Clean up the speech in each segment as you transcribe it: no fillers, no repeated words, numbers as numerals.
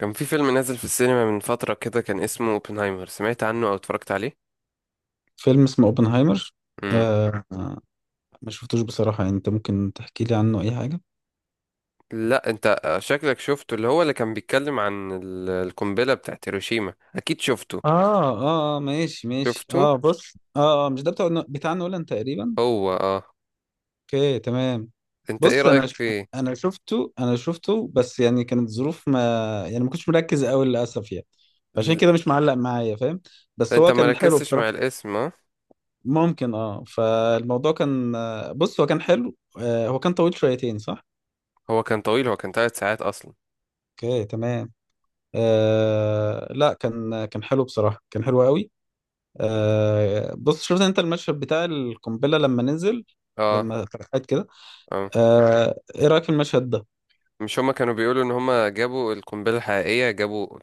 كان في فيلم نازل في السينما من فترة كده، كان اسمه اوبنهايمر. سمعت عنه او اتفرجت عليه؟ فيلم اسمه اوبنهايمر. امم آه، ما شفتوش بصراحة، يعني انت ممكن تحكي لي عنه اي حاجة. لا انت شكلك شفته، اللي هو اللي كان بيتكلم عن القنبلة بتاعت هيروشيما، اكيد شفته. اه، ماشي ماشي، شفته اه بص، آه، مش ده بتاع نولان تقريبا. هو اه. اوكي تمام. انت ايه بص رأيك فيه؟ انا شفته، انا شفته، بس يعني كانت ظروف ما، يعني ما كنتش مركز قوي للاسف يعني. عشان ل- كده مش معلق معايا، فاهم. لا، بس انت هو ما كان حلو ركزتش بصراحة. مع الاسم اه. ممكن اه، فالموضوع كان آه، بص هو كان حلو، آه هو كان طويل شويتين صح. هو كان طويل، هو كان ثلاث ساعات اصلا. اوكي تمام. آه لا، كان حلو بصراحة، كان حلو قوي. آه بص، شفت انت المشهد بتاع القنبلة لما نزل، اه لما اتفتحت كده. اه، آه، ايه رأيك في المشهد ده؟ مش هما كانوا بيقولوا ان هما جابوا القنبلة الحقيقية، جابوا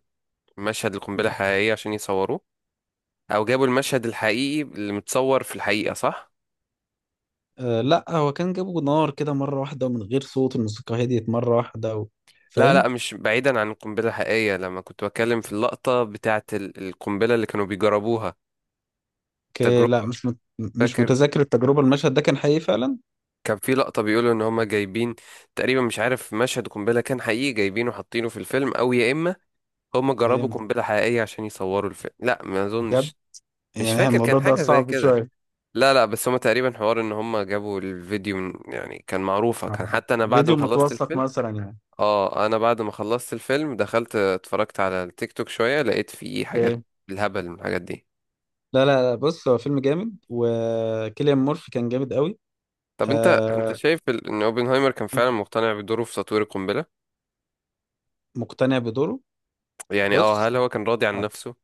مشهد القنبلة الحقيقية عشان يصوروه؟ او جابوا المشهد الحقيقي اللي متصور في الحقيقة، صح؟ آه لا، هو كان جابه نار كده مرة واحدة، ومن غير صوت الموسيقى هديت مرة واحدة و... لا لا، فاهم. مش بعيدا عن القنبلة الحقيقية، لما كنت بتكلم في اللقطة بتاعة القنبلة اللي كانوا بيجربوها، ك- لا التجربة. مش فاكر متذكر التجربة. المشهد ده كان حقيقي فعلا؟ كان في لقطة بيقولوا ان هما جايبين تقريبا، مش عارف، مشهد قنبلة كان حقيقي جايبينه حاطينه في الفيلم، او يا اما هما جربوا جامد قنبلة حقيقية عشان يصوروا الفيلم. لا ما بجد. اظنش، مش يعني فاكر، الموضوع كان ده حاجة زي صعب كده. شوية. لا لا، بس هما تقريبا حوار ان هما جابوا الفيديو من، يعني كان معروفة، كان آه. حتى انا بعد ما فيديو خلصت متوثق الفيلم. مثلا يعني. اه، انا بعد ما خلصت الفيلم دخلت اتفرجت على التيك توك شوية، لقيت فيه اوكي. حاجات الهبل من الحاجات دي. لا لا. لا، بص هو فيلم جامد، وكيليان مورفي كان جامد قوي. طب انت، انت آه. شايف ان اوبنهايمر كان فعلا مقتنع بدوره في تطوير القنبلة؟ مقتنع بدوره. يعني اه، بص، هل هو كان راضي عن نفسه؟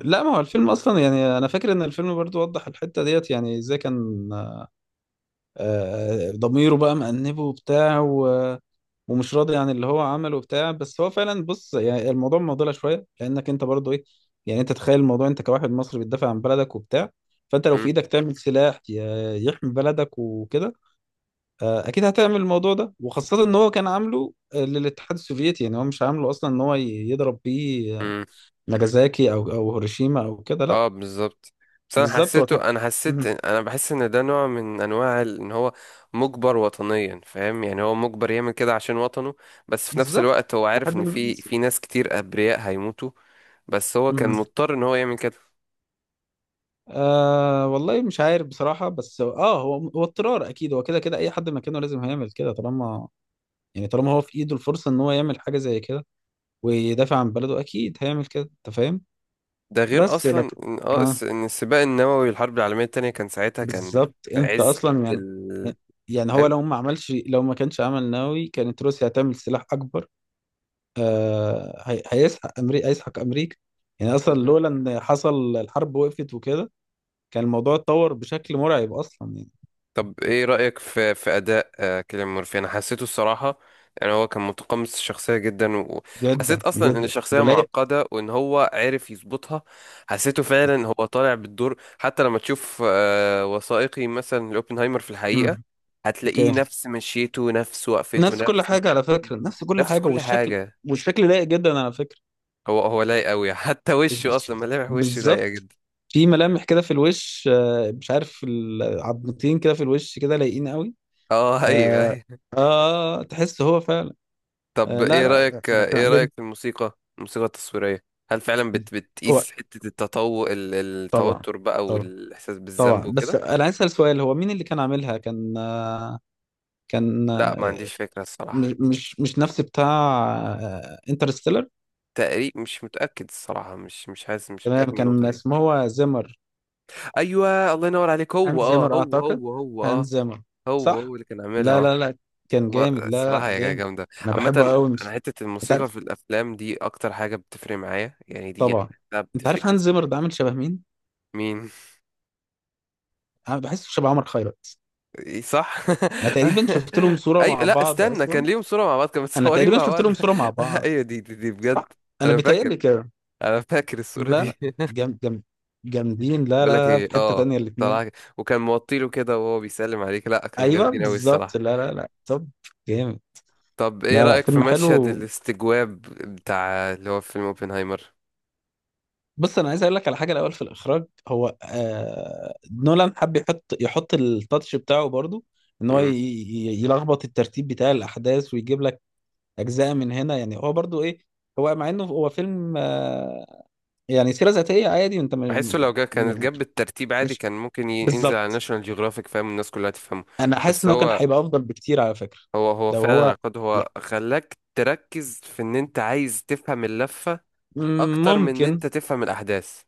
لا ما هو الفيلم اصلا، يعني انا فاكر ان الفيلم برضو وضح الحته ديت، يعني ازاي كان آه، ضميره بقى مأنبه وبتاع ومش راضي عن اللي هو عمله وبتاع. بس هو فعلا، بص يعني الموضوع معضله شويه، لانك انت برضو ايه، يعني انت تخيل الموضوع، انت كواحد مصري بتدافع عن بلدك وبتاع، فانت لو في امم ايدك تعمل سلاح يحمي بلدك وكده. آه، اكيد هتعمل الموضوع ده، وخاصه ان هو كان عامله آه، للاتحاد السوفيتي، يعني هو مش عامله اصلا ان يضرب بيه امم ناجازاكي او هيروشيما او كده، لا. اه بالظبط. بس انا بالظبط، هو كان حسيته، انا حسيت، مهم. انا بحس ان ده نوع من انواع ان هو مجبر وطنيا، فاهم؟ يعني هو مجبر يعمل كده عشان وطنه، بس في نفس بالظبط. الوقت هو عارف لحد ان ما. في ناس كتير ابرياء هيموتوا. بس هو كان مهم. مضطر ان هو يعمل كده. آه والله مش عارف بصراحة، بس هو اضطرار، اكيد هو كده كده اي حد مكانه لازم هيعمل كده، طالما يعني طالما هو في ايده الفرصة ان هو يعمل حاجة زي كده، ويدافع عن بلده اكيد هيعمل كده، انت فاهم. ده غير بس اصلا لكن، ان اه اه ان السباق النووي، الحرب العالميه التانية كان ساعتها، كان بالظبط، في انت عز اصلا يعني، ال، يعني هو فاهم؟ لو ما عملش، لو ما كانش عمل نووي، كانت روسيا هتعمل سلاح اكبر. آه هيسحق امريكا، هيسحق امريكا. يعني اصلا بالظبط. لولا ان حصل الحرب، وقفت وكده، كان الموضوع اتطور بشكل مرعب اصلا يعني. طب ايه رايك في اداء كيليان مورفي؟ انا حسيته الصراحه يعني هو كان متقمص الشخصيه جدا، جدا وحسيت اصلا ان جدا، الشخصيه ولايق. معقده وان هو عرف يظبطها. حسيته فعلا هو طالع بالدور. حتى لما تشوف وثائقي مثلا لاوبنهايمر في الحقيقه، مم. هتلاقيه اوكي. نفس مشيته، نفس وقفته، نفس كل نفس، حاجه على فكره، نفس كل نفس حاجه، كل والشكل. حاجه. والشكل لايق جدا على فكره. هو هو لايق قوي. حتى الش- وشه الش- اصلا ملامح وشه لايقه بالظبط. جدا. في ملامح كده في الوش، آه، مش عارف، العضمتين كده في الوش كده لايقين قوي. اه ايوه آه. ايوه. اه تحس هو فعلا. طب آه لا ايه رايك، لا، انا كان ايه عاجبني. رايك في الموسيقى، الموسيقى التصويريه؟ هل فعلا هو بتقيس حته التطور طبعا. التوتر بقى طبعا. والاحساس بالذنب طبعا. بس وكده؟ انا عايز اسال سؤال، هو مين اللي كان عاملها؟ كان آه، كان لا ما آه، عنديش فكره الصراحه، مش نفس بتاع انترستيلر. تقريب مش متاكد الصراحه، مش حاسس، مش تمام، متاكد من كان النقطه دي. اسمه هو زيمر. ايوه الله ينور عليك، هو هانز اه، زيمر هو اعتقد. هو هو اه، هانز زيمر. هو صح. هو اللي كان عاملها لا لا لا، كان هو جامد، لا الصراحة لا هي جامد. جامدة انا عامة. بحبه قوي. أنا حتة انت الموسيقى عارف. في الأفلام دي أكتر حاجة بتفرق معايا، يعني دي أنا طبعا. بحسها انت بتفرق عارف هانز جدا. زيمر ده عامل شبه مين؟ مين؟ انا بحسه شبه عمر خيرت. إيه صح. انا تقريبا شفت لهم صورة أي مع لا بعض استنى، كان اصلا. ليهم صورة مع بعض، كانوا انا متصورين تقريبا مع شفت بعض؟ لهم صورة مع بعض، أيوة دي بجد. صح. انا أنا فاكر بيتهيألي كده. أنا فاكر لا الصورة لا. دي. جم جم جامدين لا بقول لا لك لا إيه في حتة أه، تانية الاتنين. طلع وكان موطيله كده وهو بيسلم عليك، لا كان ايوه جامدين أوي بالظبط، الصراحة. لا لا لا، طب. جامد. طب إيه لا لا رأيك في فيلم مشهد حلو. الاستجواب بتاع اللي هو في فيلم أوبنهايمر؟ بص انا عايز اقول لك على حاجه، الاول في الاخراج هو آه، نولان حب يحط التاتش بتاعه برضو، ان هو يلخبط الترتيب بتاع الاحداث، ويجيب لك اجزاء من هنا. يعني هو برضو ايه، هو مع انه هو فيلم آه، يعني سيره ذاتيه عادي، انت بحسه لو جا كانت جاب بالترتيب عادي، مش. كان ممكن ينزل على بالظبط. ناشونال جيوغرافيك، فاهم؟ الناس كلها تفهمه. انا حاسس بس ان هو كان هو، هيبقى افضل بكتير على فكره هو لو فعلا هو. عقاد، هو خلاك تركز في ان انت عايز تفهم اللفة مم، اكتر من ان ممكن. انت تفهم الاحداث.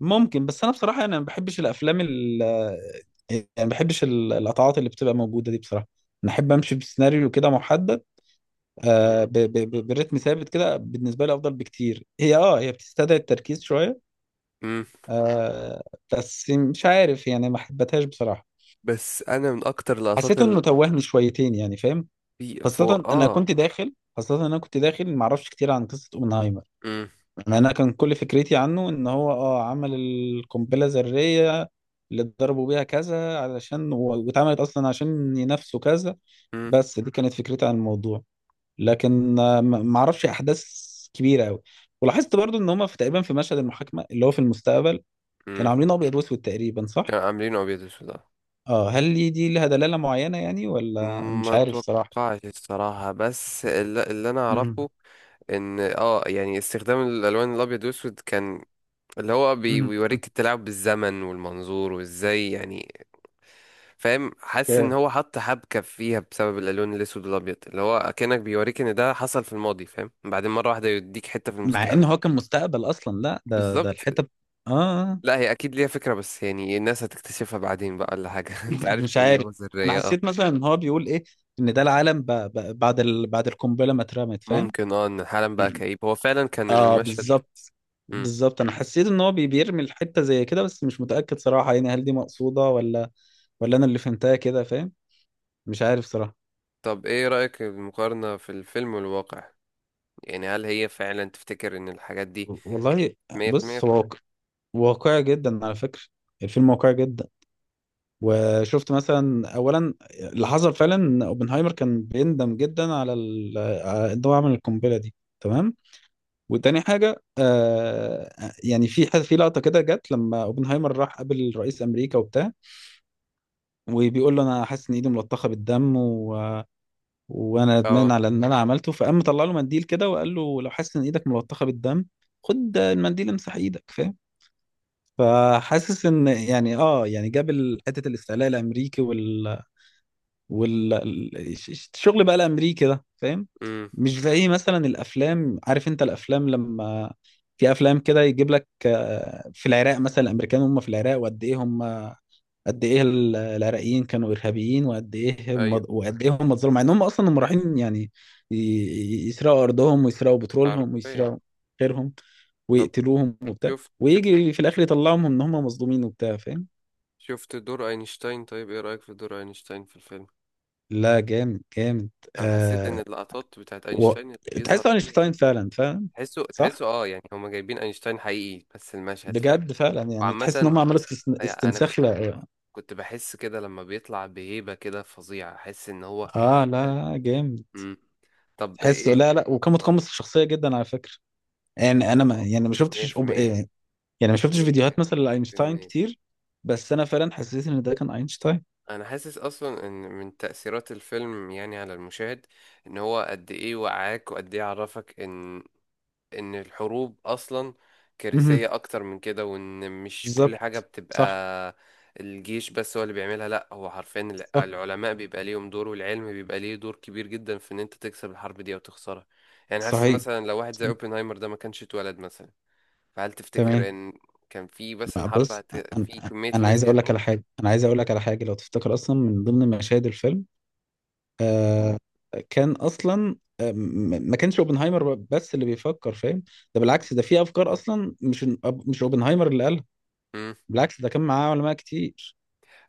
ممكن، بس انا بصراحه انا ما بحبش الافلام ال، يعني ما بحبش القطعات اللي بتبقى موجوده دي بصراحه. انا احب امشي بسيناريو كده محدد، آه مم. برتم ثابت كده، بالنسبه لي افضل بكتير. هي اه هي بتستدعي التركيز شويه. امم آه، بس مش عارف، يعني ما حبيتهاش بصراحه. بس انا من اكتر اللقطات حسيت اللي انه توهني شويتين، يعني فاهم. في فو خاصه انا اه. كنت داخل، خاصه انا كنت داخل ما اعرفش كتير عن قصه اوبنهايمر. امم انا كان كل فكرتي عنه ان هو اه عمل القنبله الذريه اللي ضربوا بيها كذا علشان واتعملت اصلا عشان ينافسوا كذا. امم بس دي كانت فكرتي عن الموضوع. لكن آه، ما اعرفش احداث كبيره قوي. ولاحظت برضو ان هم في تقريبا في مشهد المحاكمه اللي هو في المستقبل كانوا امم عاملين ابيض واسود تقريبا، صح؟ كانوا عاملينه ابيض واسود اه هل دي لها دلاله معينه يعني، ولا ما مش عارف صراحه. اتوقعش الصراحه، بس اللي انا مم. اعرفه ان اه يعني استخدام الالوان الابيض واسود كان اللي هو مم. بيوريك التلاعب بالزمن والمنظور وازاي يعني، فاهم؟ حاسس ان اوكي. هو حط حبكة فيها بسبب الالوان الاسود والابيض، اللي هو اكنك بيوريك ان ده حصل في الماضي، فاهم؟ بعدين مرة واحدة يديك حتة في مع المستقبل. ان هو كان مستقبل اصلا، لا ده بالظبط. الحته اه. آه. لا هي اكيد ليها فكرة، بس يعني الناس هتكتشفها بعدين بقى ولا حاجة. انت عارف مش ان عارف. دماغه انا ذرية اه. حسيت مثلا ان هو بيقول ايه، ان ده العالم بعد بعد القنبله ما اترمت، فاهم. ممكن اه، ان حالا بقى كئيب، هو فعلا كان اه المشهد. بالظبط. مم. بالظبط، انا حسيت ان هو بيرمي الحته زي كده، بس مش متاكد صراحه، يعني هل دي مقصوده، ولا ولا انا اللي فهمتها كده، فاهم. مش عارف صراحه. طب ايه رأيك المقارنة في الفيلم والواقع؟ يعني هل هي فعلا تفتكر ان الحاجات دي والله. 100% بص هو واقع، صح؟ واقعي جدا على فكره، الفيلم واقعي جدا. وشفت مثلا اولا، اللي حصل فعلا ان اوبنهايمر كان بيندم جدا على ان هو عمل القنبله دي، تمام. وتاني حاجة آه، يعني في حد، في لقطة كده جت لما اوبنهايمر راح قابل رئيس أمريكا وبتاع، وبيقول له أنا حاسس إن إيدي ملطخة بالدم و... وأنا ندمان على إن أنا عملته، فقام مطلع له منديل كده وقال له لو حاسس إن إيدك ملطخة بالدم، خد المنديل امسح إيدك، فاهم. فحاسس إن يعني آه، يعني جاب حتة الاستعلاء الأمريكي وال... والشغل بقى الامريكي ده، فاهم. اه مش زي مثلا الافلام، عارف انت الافلام لما، في افلام كده يجيب لك آه، في العراق مثلا الامريكان هم في العراق، وقد ايه هم، قد ايه العراقيين كانوا ارهابيين، وقد ايه هم، ايوه. وقد ايه هم اتظلموا، مع ان هم اصلا هم رايحين يعني يسرقوا ارضهم، ويسرقوا بترولهم، عارفين. ويسرقوا غيرهم، طب ويقتلوهم وبتاع، شفت ويجي في الاخر يطلعهم ان هم مظلومين وبتاع، فاهم. شفت دور اينشتاين؟ طيب ايه رأيك في دور اينشتاين في الفيلم؟ لا جامد جامد. انا حسيت ان آه. اللقطات بتاعت و... اينشتاين اللي تحس بيظهر فيها اينشتاين دي، فعلا، فاهم. صح. تحسه اه، يعني هما جايبين اينشتاين حقيقي، بس المشهد فاهم. بجد فعلا، يعني تحس ان وعامة هم عملوا يعني انا استنساخ، كنت، لا. كنت بحس كده لما بيطلع بهيبة كده فظيعة، احس ان هو اه لا ده- لا جامد. مم. طب تحس ايه لا لا، وكان متقمص الشخصيه جدا على فكره. يعني هو- انا ما، آه، يعني ما شفتش إيه، 100%. يعني ما شفتش فيديوهات مثلا 100% لاينشتاين كتير، بس انا فعلا حسيت ان ده كان اينشتاين. انا حاسس اصلا ان من تأثيرات الفيلم، يعني على المشاهد، ان هو قد ايه وعاك وقد ايه عرفك ان، ان الحروب اصلا مهم. كارثية اكتر من كده، وان مش بالظبط. كل حاجة بتبقى صح. الجيش بس هو اللي بيعملها، لا هو حرفيا صح. العلماء بيبقى ليهم دور والعلم بيبقى ليه دور كبير جدا في ان انت تكسب الحرب دي او تخسرها. يعني حاسس صحيح. مثلا لو واحد زي اوبنهايمر ده ما كانش اتولد مثلا، فهل تفتكر تمام. ان كان في مثلا بقى حرب بص هت... انا، في كمية انا الناس عايز دي اقول لك على هتموت؟ حاجه، انا عايز اقول لك على حاجه، لو تفتكر اصلا من ضمن مشاهد الفيلم آه، كان اصلا آه، ما كانش اوبنهايمر بس اللي بيفكر، فاهم. ده بالعكس، ده في افكار اصلا مش، مش اوبنهايمر اللي قالها، بالعكس ده كان معاه علماء كتير.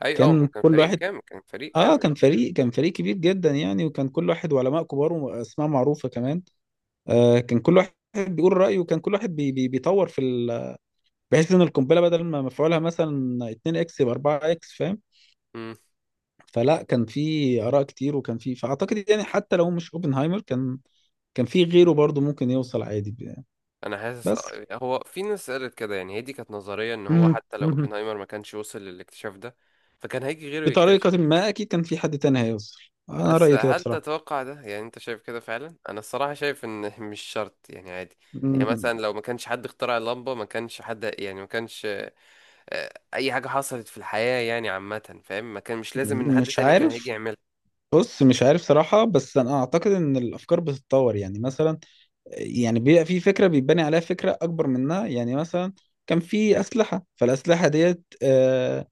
اي اه، كان كان كل فريق واحد، كامل، كان فريق اه كامل كان اه. فريق، كان فريق كبير جدا يعني، وكان كل واحد، وعلماء كبار واسماء معروفة كمان. آه كان كل واحد بيقول رأيه، وكان كل واحد بي بي بيطور في ال... بحيث ان القنبلة بدل ما مفعولها مثلا 2 اكس يبقى 4 اكس، فاهم. امم فلا كان في آراء كتير، وكان في، فأعتقد يعني حتى لو مش اوبنهايمر كان، كان في غيره برضو ممكن يوصل عادي انا حاسس بس. هو في ناس قالت كده، يعني هي دي كانت نظريه ان هو مم. حتى لو مم. اوبنهايمر ما كانش وصل للاكتشاف ده، فكان هيجي غيره يكتشف. بطريقة ما أكيد كان في حد تاني هيوصل، أنا بس رأيي كده هل بصراحة. تتوقع ده يعني، انت شايف كده فعلا؟ انا الصراحه شايف ان مش شرط يعني، عادي. يعني م- مثلا لو ما كانش حد اخترع اللمبه، ما كانش حد، يعني ما كانش اي حاجه حصلت في الحياه يعني عامه، فاهم؟ ما كان مش لازم ان حد مش تاني كان هيجي عارف. يعملها. بص مش عارف صراحة، بس أنا أعتقد إن الأفكار بتتطور، يعني مثلا، يعني بيبقى في فكرة بيتبني عليها فكرة أكبر منها، يعني مثلا كان في أسلحة، فالأسلحة ديت آه،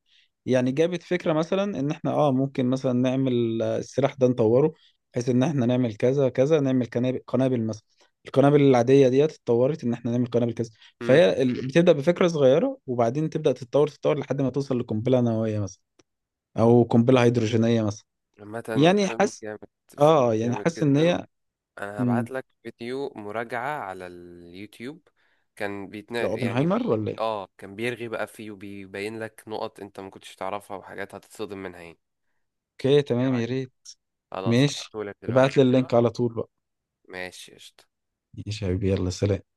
يعني جابت فكرة مثلا ان احنا اه ممكن مثلا نعمل آه، السلاح ده نطوره، بحيث ان احنا نعمل كذا كذا، نعمل قنابل، قنابل مثلا القنابل العادية ديت اتطورت، ان احنا نعمل قنابل كذا. امم فهي بتبدأ بفكرة صغيرة، وبعدين تبدأ تتطور لحد ما توصل لقنبلة نووية مثلا، او قنبلة هيدروجينية مثلا. عامه يعني فيلم حاسس، جامد، اه فيلم يعني جامد حاسس ان جدا. هي. انا مم، هبعت لك فيديو مراجعة على اليوتيوب، كان بيتنا لو يعني اوبنهايمر ولا ايه. اه، كان بيرغي بقى فيه وبيبين لك نقط انت ما كنتش تعرفها وحاجات هتتصدم منها يعني. اوكي ايه تمام، يا رايك؟ ريت. خلاص ماشي، هبعته لك دلوقتي. ابعت لي اللينك على طول بقى. ماشي قشطة. ماشي يا حبيبي، يلا سلام.